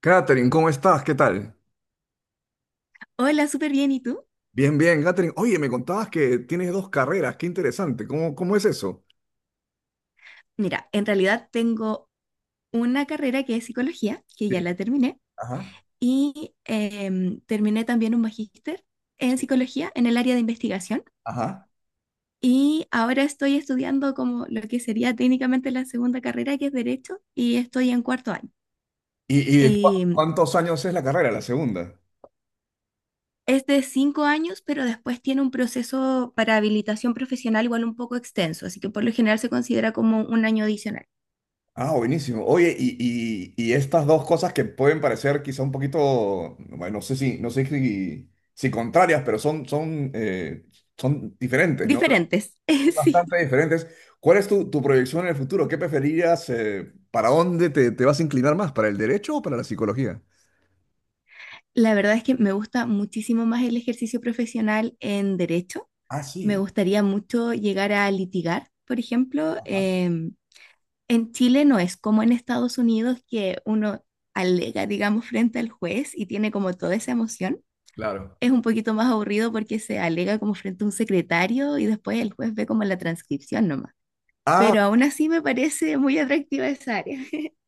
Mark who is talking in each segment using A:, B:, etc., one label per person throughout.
A: Catherine, ¿cómo estás? ¿Qué tal?
B: Hola, súper bien. ¿Y tú?
A: Bien, bien, Catherine. Oye, me contabas que tienes dos carreras, qué interesante. ¿Cómo es eso?
B: Mira, en realidad tengo una carrera que es psicología, que ya
A: Sí,
B: la terminé,
A: ajá,
B: y terminé también un magíster en
A: sí,
B: psicología en el área de investigación.
A: ajá.
B: Y ahora estoy estudiando como lo que sería técnicamente la segunda carrera, que es Derecho, y estoy en cuarto año.
A: ¿Y
B: Em,
A: cuántos años es la carrera, la segunda?
B: es de cinco años, pero después tiene un proceso para habilitación profesional igual un poco extenso, así que por lo general se considera como un año adicional.
A: Ah, buenísimo. Oye, y estas dos cosas que pueden parecer quizá un poquito, bueno, no sé si contrarias, pero son diferentes, ¿no?
B: Diferentes,
A: Son
B: sí.
A: bastante diferentes. ¿Cuál es tu proyección en el futuro? ¿Qué preferirías? ¿Para dónde te vas a inclinar más? ¿Para el derecho o para la psicología?
B: La verdad es que me gusta muchísimo más el ejercicio profesional en derecho.
A: Ah,
B: Me
A: sí.
B: gustaría mucho llegar a litigar, por ejemplo.
A: Ajá.
B: En Chile no es como en Estados Unidos que uno alega, digamos, frente al juez y tiene como toda esa emoción.
A: Claro.
B: Es un poquito más aburrido porque se alega como frente a un secretario y después el juez ve como la transcripción nomás.
A: Ah,
B: Pero aún así me parece muy atractiva esa área.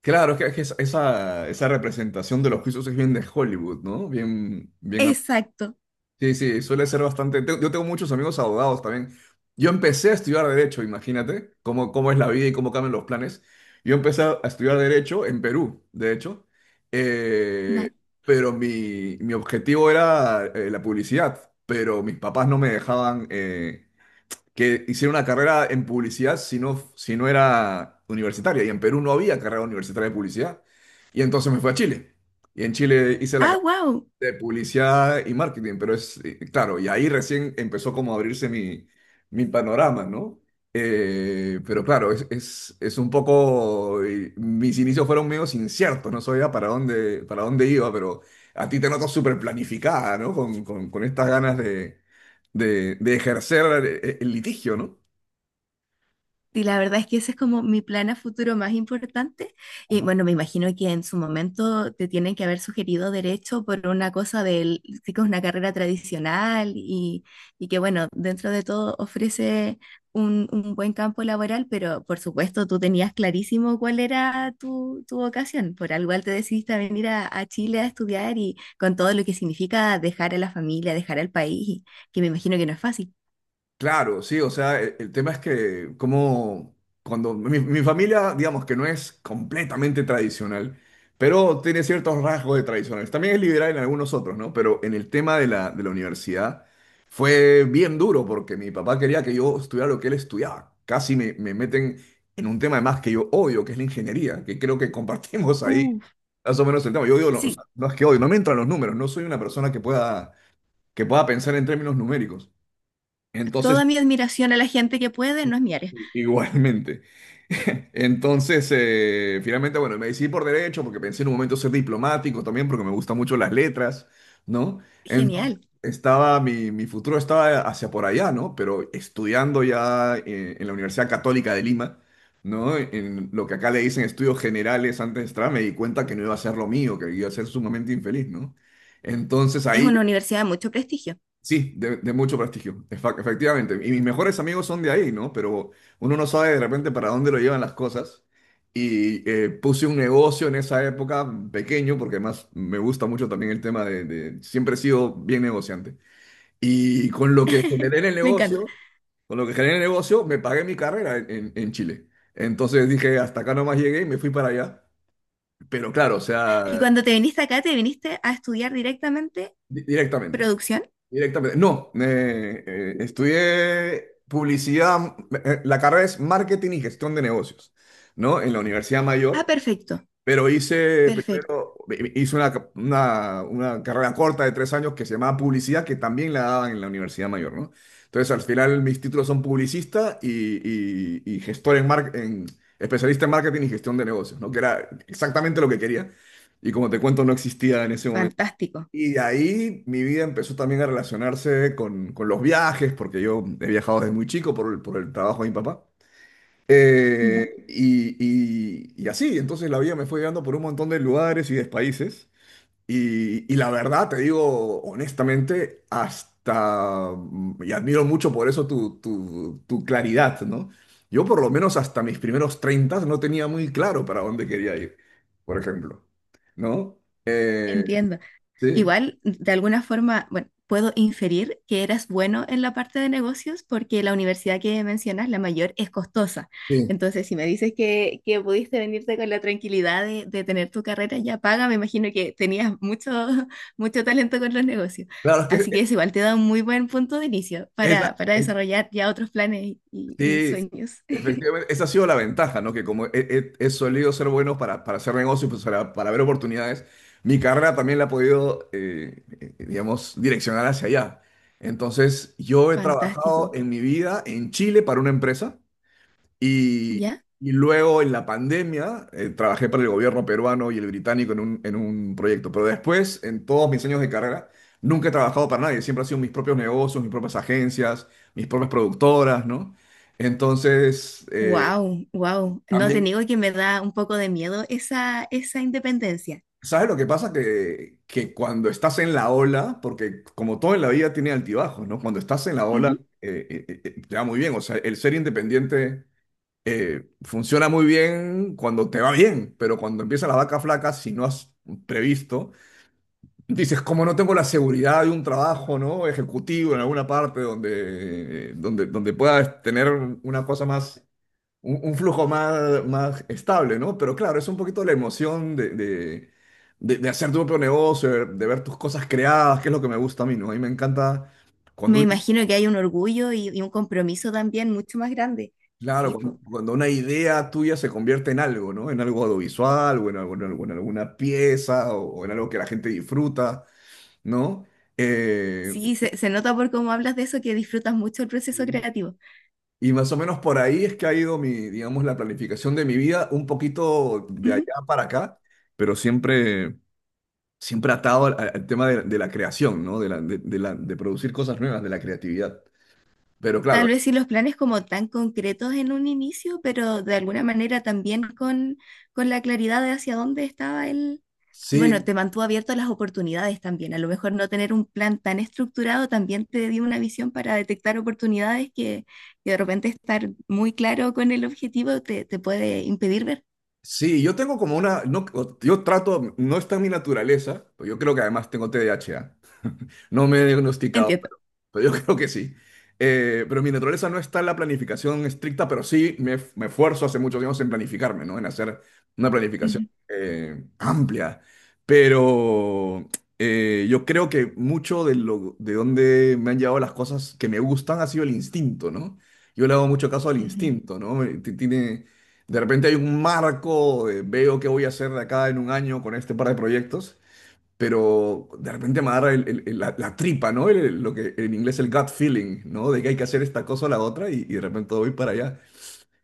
A: claro, que esa representación de los juicios es bien de Hollywood, ¿no? Bien, bien.
B: Exacto.
A: Sí, sí, suele ser bastante. Yo tengo muchos amigos abogados también. Yo empecé a estudiar Derecho, imagínate cómo es la vida y cómo cambian los planes. Yo empecé a estudiar Derecho en Perú, de hecho. Eh,
B: Da-
A: pero mi objetivo era la publicidad, pero mis papás no me dejaban. Que hicieron una carrera en publicidad si no era universitaria. Y en Perú no había carrera universitaria de publicidad. Y entonces me fui a Chile. Y en Chile hice la
B: Ah, wow.
A: de publicidad y marketing, pero es, claro, y ahí recién empezó como a abrirse mi panorama, ¿no? Pero claro, es un poco, y mis inicios fueron medio inciertos, no sabía para dónde iba, pero a ti te noto súper planificada, ¿no? Con estas ganas de ejercer el litigio, ¿no?
B: Sí, la verdad es que ese es como mi plan a futuro más importante. Y bueno, me imagino que en su momento te tienen que haber sugerido derecho por una cosa del, sí que es una carrera tradicional y que bueno, dentro de todo ofrece un buen campo laboral, pero por supuesto tú tenías clarísimo cuál era tu vocación. Por algo igual te decidiste a venir a Chile a estudiar y con todo lo que significa dejar a la familia, dejar al país, que me imagino que no es fácil.
A: Claro, sí, o sea, tema es que como cuando mi familia, digamos que no es completamente tradicional, pero tiene ciertos rasgos de tradicionales. También es liberal en algunos otros, ¿no? Pero en el tema de la universidad fue bien duro porque mi papá quería que yo estudiara lo que él estudiaba. Casi me meten en un tema además que yo odio, que es la ingeniería, que creo que compartimos ahí
B: Uf.
A: más o menos el tema. Yo digo, no, o sea,
B: Sí.
A: no es que odio, no me entran los números, no soy una persona que pueda pensar en términos numéricos. Entonces.
B: Toda mi admiración a la gente que puede, no es mi área.
A: Igualmente. Entonces, finalmente, bueno, me decidí por derecho porque pensé en un momento ser diplomático también porque me gustan mucho las letras, ¿no? Entonces,
B: Genial.
A: estaba, mi futuro estaba hacia por allá, ¿no? Pero estudiando ya en la Universidad Católica de Lima, ¿no? En lo que acá le dicen estudios generales antes de entrar, me di cuenta que no iba a ser lo mío, que iba a ser sumamente infeliz, ¿no? Entonces
B: Es
A: ahí.
B: una universidad de mucho prestigio.
A: Sí, de mucho prestigio, efectivamente. Y mis mejores amigos son de ahí, ¿no? Pero uno no sabe de repente para dónde lo llevan las cosas. Y puse un negocio en esa época pequeño, porque además me gusta mucho también el tema de. Siempre he sido bien negociante. Y con lo que generé en el
B: Me encanta.
A: negocio, con lo que generé en el negocio, me pagué mi carrera en Chile. Entonces dije, hasta acá nomás llegué y me fui para allá. Pero claro, o
B: Y
A: sea,
B: cuando te viniste acá, te viniste a estudiar directamente
A: directamente.
B: producción.
A: Directamente. No, estudié publicidad, la carrera es marketing y gestión de negocios, ¿no? En la Universidad
B: Ah,
A: Mayor,
B: perfecto.
A: pero hice
B: Perfecto.
A: primero, hice una carrera corta de tres años que se llamaba publicidad, que también la daban en la Universidad Mayor, ¿no? Entonces, al final mis títulos son publicista y gestor en, mar- en especialista en marketing y gestión de negocios, ¿no? Que era exactamente lo que quería. Y como te cuento, no existía en ese.
B: Fantástico.
A: Y de ahí mi vida empezó también a relacionarse con los viajes, porque yo he viajado desde muy chico por el trabajo de mi papá.
B: Ya.
A: Y, y así, entonces la vida me fue llevando por un montón de lugares y de países. Y la verdad, te digo honestamente, hasta, y admiro mucho por eso tu claridad, ¿no? Yo por lo menos hasta mis primeros 30 no tenía muy claro para dónde quería ir, por ejemplo, ¿no? Eh,
B: Entiendo.
A: sí.
B: Igual, de alguna forma, bueno, puedo inferir que eras bueno en la parte de negocios porque la universidad que mencionas, la mayor, es costosa.
A: Sí.
B: Entonces, si me dices que pudiste venirte con la tranquilidad de tener tu carrera ya paga, me imagino que tenías mucho, mucho talento con los negocios.
A: Claro, es
B: Así que
A: que
B: eso igual te da un muy buen punto de inicio
A: e, esa,
B: para
A: eh,
B: desarrollar ya otros planes y
A: sí,
B: sueños.
A: efectivamente, esa ha sido la ventaja, ¿no? Que como he solido ser bueno para hacer negocios, pues, para ver oportunidades, mi carrera también la ha podido, digamos, direccionar hacia allá. Entonces, yo he trabajado
B: Fantástico.
A: en mi vida en Chile para una empresa. Y,
B: ¿Ya?
A: y luego en la pandemia trabajé para el gobierno peruano y el británico en un proyecto. Pero después, en todos mis años de carrera, nunca he trabajado para nadie. Siempre han sido mis propios negocios, mis propias agencias, mis propias productoras, ¿no? Entonces,
B: Wow, wow. No te
A: también,
B: niego que me da un poco de miedo esa, esa independencia.
A: ¿sabes lo que pasa? Que cuando estás en la ola, porque como todo en la vida tiene altibajos, ¿no? Cuando estás en la ola,
B: Ujú.
A: te va muy bien. O sea, el ser independiente funciona muy bien cuando te va bien, pero cuando empiezan las vacas flacas, si no has previsto, dices, como no tengo la seguridad de un trabajo, ¿no? Ejecutivo en alguna parte donde puedas tener una cosa más, un flujo más estable, ¿no? Pero claro, es un poquito la emoción de hacer tu propio negocio, de ver tus cosas creadas, que es lo que me gusta a mí, ¿no? A mí me encanta
B: Me
A: cuando.
B: imagino que hay un orgullo y un compromiso también mucho más grande.
A: Claro,
B: Sí,
A: cuando
B: po.
A: una idea tuya se convierte en algo, ¿no? En algo audiovisual o en alguna pieza o en algo que la gente disfruta, ¿no? Eh,
B: Sí, se nota por cómo hablas de eso que disfrutas mucho el proceso creativo.
A: y más o menos por ahí es que ha ido mi, digamos, la planificación de mi vida, un poquito de allá
B: Ujú.
A: para acá, pero siempre atado al tema de la creación, ¿no? De producir cosas nuevas, de la creatividad. Pero claro,
B: Tal vez sí los planes como tan concretos en un inicio, pero de alguna manera también con la claridad de hacia dónde estaba él. Y bueno,
A: sí.
B: te mantuvo abierto a las oportunidades también. A lo mejor no tener un plan tan estructurado también te dio una visión para detectar oportunidades que de repente estar muy claro con el objetivo te, te puede impedir ver.
A: Sí, yo tengo como una, no, yo trato, no está en mi naturaleza, pero yo creo que además tengo TDAH, ¿ah? No me he diagnosticado,
B: Entiendo.
A: pero yo creo que sí. Pero mi naturaleza no está en la planificación estricta, pero sí me esfuerzo hace muchos años en planificarme, ¿no? En hacer una planificación
B: Ujú,
A: amplia. Pero yo creo que mucho de donde me han llevado las cosas que me gustan ha sido el instinto, ¿no? Yo le hago mucho caso al
B: ujú.
A: instinto, ¿no? Tiene, de repente hay un marco, veo qué voy a hacer de acá en un año con este par de proyectos, pero de repente me agarra la tripa, ¿no? Lo que en inglés el gut feeling, ¿no? De que hay que hacer esta cosa o la otra y de repente voy para allá.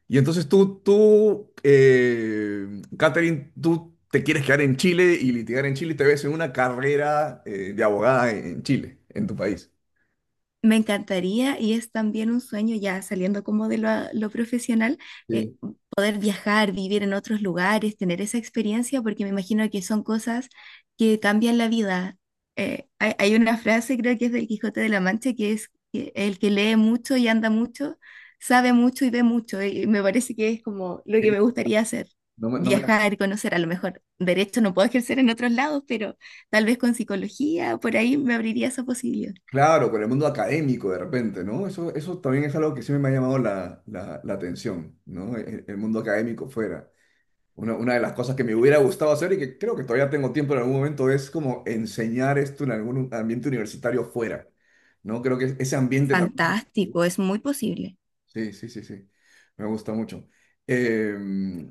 A: Y entonces tú, Catherine, tú te quieres quedar en Chile y litigar en Chile y te ves en una carrera de abogada en Chile, en tu país.
B: Me encantaría y es también un sueño ya saliendo como de lo profesional, eh,
A: Sí.
B: poder viajar, vivir en otros lugares, tener esa experiencia, porque me imagino que son cosas que cambian la vida. Hay una frase, creo que es del Quijote de la Mancha, que es que el que lee mucho y anda mucho, sabe mucho y ve mucho, y me parece que es como lo que me gustaría hacer,
A: No,
B: viajar, conocer, a lo mejor derecho no puedo ejercer en otros lados, pero... Tal vez con psicología, por ahí me abriría esa posibilidad.
A: claro, con el mundo académico de repente, ¿no? Eso también es algo que siempre me ha llamado la atención, ¿no? El mundo académico fuera. Una de las cosas que me hubiera gustado hacer y que creo que todavía tengo tiempo en algún momento es como enseñar esto en algún ambiente universitario fuera, ¿no? Creo que ese ambiente también.
B: Fantástico, es muy posible.
A: Sí, sí, sí, sí, me gusta mucho. Eh,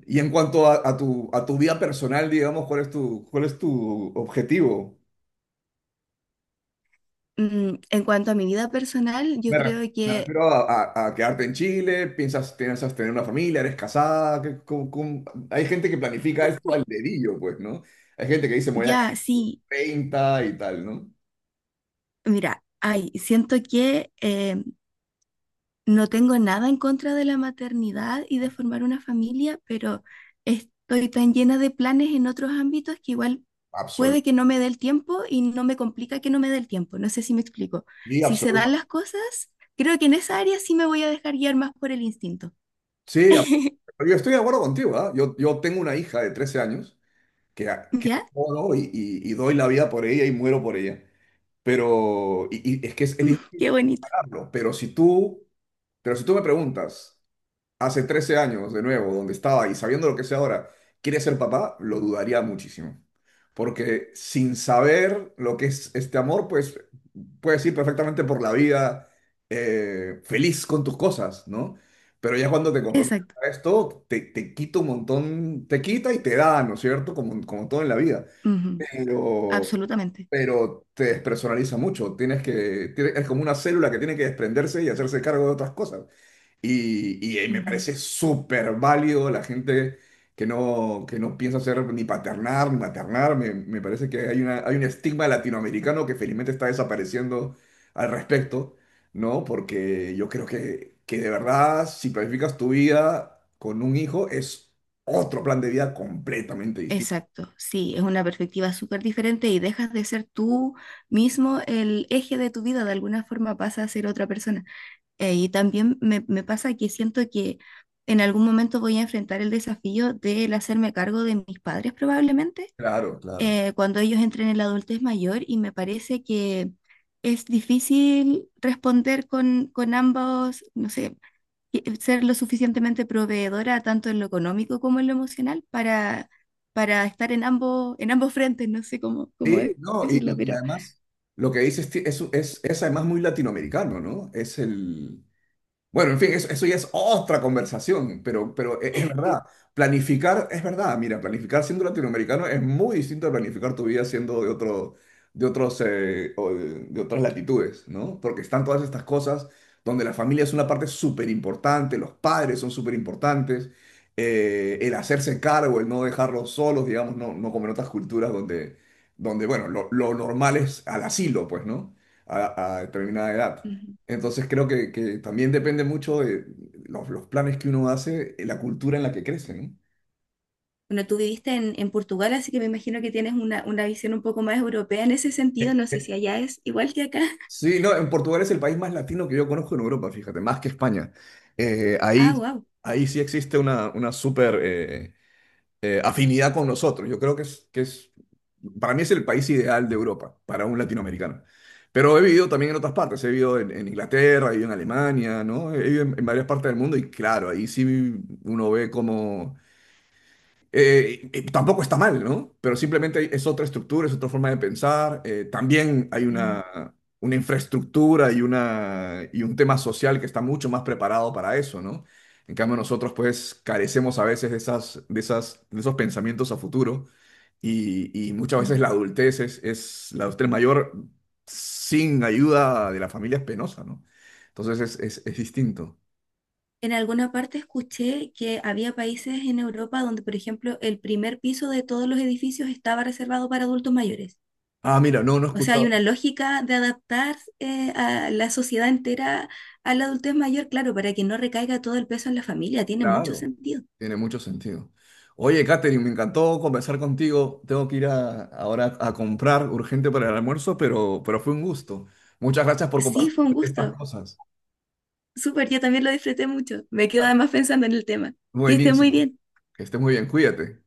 A: y en cuanto a, a tu vida personal, digamos, ¿cuál es tu objetivo?
B: Mm, en cuanto a mi vida personal, yo
A: Me, re-
B: creo
A: Me
B: que
A: refiero a, a quedarte en Chile, piensas tener una familia, eres casada, ¿cómo? Hay gente que planifica esto al dedillo, pues, ¿no? Hay gente que dice, me voy a casar
B: ya, sí,
A: 30 y tal, ¿no?
B: mira, ay, siento que no tengo nada en contra de la maternidad y de formar una familia, pero estoy tan llena de planes en otros ámbitos que igual puede que no me dé el tiempo y no me complica que no me dé el tiempo. No sé si me explico.
A: Sí,
B: Si se dan
A: absoluta.
B: las cosas, creo que en esa área sí me voy a dejar guiar más por el instinto.
A: Sí, absoluta. Pero yo estoy de acuerdo contigo, ¿ah? Yo tengo una hija de 13 años que, que
B: ¿Ya?
A: adoro y, y doy la vida por ella y muero por ella. Pero y es que es
B: Mm,
A: difícil
B: qué bonito.
A: pararlo. Pero si tú me preguntas, hace 13 años, de nuevo, donde estaba y sabiendo lo que sé ahora, quiere ser papá, lo dudaría muchísimo. Porque sin saber lo que es este amor, pues puedes ir perfectamente por la vida feliz con tus cosas, ¿no? Pero ya cuando te comprometes
B: Exacto.
A: a esto, te quita un montón, te quita y te da, ¿no es cierto? Como todo en la vida. Pero,
B: Absolutamente.
A: pero te despersonaliza mucho. Tienes que, es como una célula que tiene que desprenderse y hacerse cargo de otras cosas. Y me
B: Ujú.
A: parece súper válido la gente que no piensa ser ni paternar ni maternar. Me parece que hay un estigma latinoamericano que felizmente está desapareciendo al respecto, ¿no? Porque yo creo que de verdad, si planificas tu vida con un hijo, es otro plan de vida completamente distinto.
B: Exacto. Sí, es una perspectiva súper diferente y dejas de ser tú mismo el eje de tu vida. De alguna forma pasa a ser otra persona. Y también me pasa que siento que en algún momento voy a enfrentar el desafío del hacerme cargo de mis padres probablemente
A: Claro, claro.
B: cuando ellos entren en la adultez mayor y me parece que es difícil responder con ambos, no sé, ser lo suficientemente proveedora tanto en lo económico como en lo emocional para estar en ambos frentes, no sé cómo,
A: Sí, no, y,
B: decirlo,
A: y
B: pero
A: además lo que dices es, es además muy latinoamericano, ¿no? Es el. Bueno, en fin, eso ya es otra conversación, pero, pero verdad. Planificar, es verdad, mira, planificar siendo latinoamericano es muy distinto a planificar tu vida siendo de otro, de otros, o de otras latitudes, ¿no? Porque están todas estas cosas donde la familia es una parte súper importante, los padres son súper importantes, el hacerse cargo, el no dejarlos solos, digamos, no como en otras culturas donde bueno, lo normal es al asilo, pues, ¿no? A determinada edad.
B: ujú.
A: Entonces creo que también depende mucho de los planes que uno hace, la cultura en la que crece, ¿no?
B: Bueno, tú viviste en Portugal, así que me imagino que tienes una visión un poco más europea en ese sentido, no sé si allá es igual que acá.
A: Sí, no, en Portugal es el país más latino que yo conozco en Europa, fíjate, más que España. Eh,
B: Ah,
A: ahí,
B: wow.
A: ahí sí existe una súper afinidad con nosotros. Yo creo que para mí es el país ideal de Europa, para un latinoamericano. Pero he vivido también en otras partes, he vivido en Inglaterra, he vivido en Alemania, ¿no? He vivido en varias partes del mundo y claro, ahí sí uno ve como. Tampoco está mal, ¿no? Pero simplemente es otra estructura, es otra forma de pensar. También hay
B: Mm,
A: una infraestructura y un tema social que está mucho más preparado para eso, ¿no? En cambio, nosotros pues carecemos a veces de esas, de esos pensamientos a futuro y muchas
B: mm.
A: veces la adultez es la adultez mayor sin ayuda de la familia es penosa, ¿no? Entonces es distinto.
B: En alguna parte escuché que había países en Europa donde, por ejemplo, el primer piso de todos los edificios estaba reservado para adultos mayores.
A: Ah, mira, no, no he
B: O sea, hay
A: escuchado.
B: una lógica de adaptar a la sociedad entera a la adultez mayor, claro, para que no recaiga todo el peso en la familia. Tiene mucho
A: Claro,
B: sentido.
A: tiene mucho sentido. Oye, Katherine, me encantó conversar contigo. Tengo que ir ahora a comprar urgente para el almuerzo, pero, fue un gusto. Muchas gracias por
B: Sí,
A: compartir
B: fue un
A: estas
B: gusto.
A: cosas.
B: Súper, yo también lo disfruté mucho. Me quedo además pensando en el tema. Que esté muy
A: Buenísimo.
B: bien.
A: Que estés muy bien, cuídate.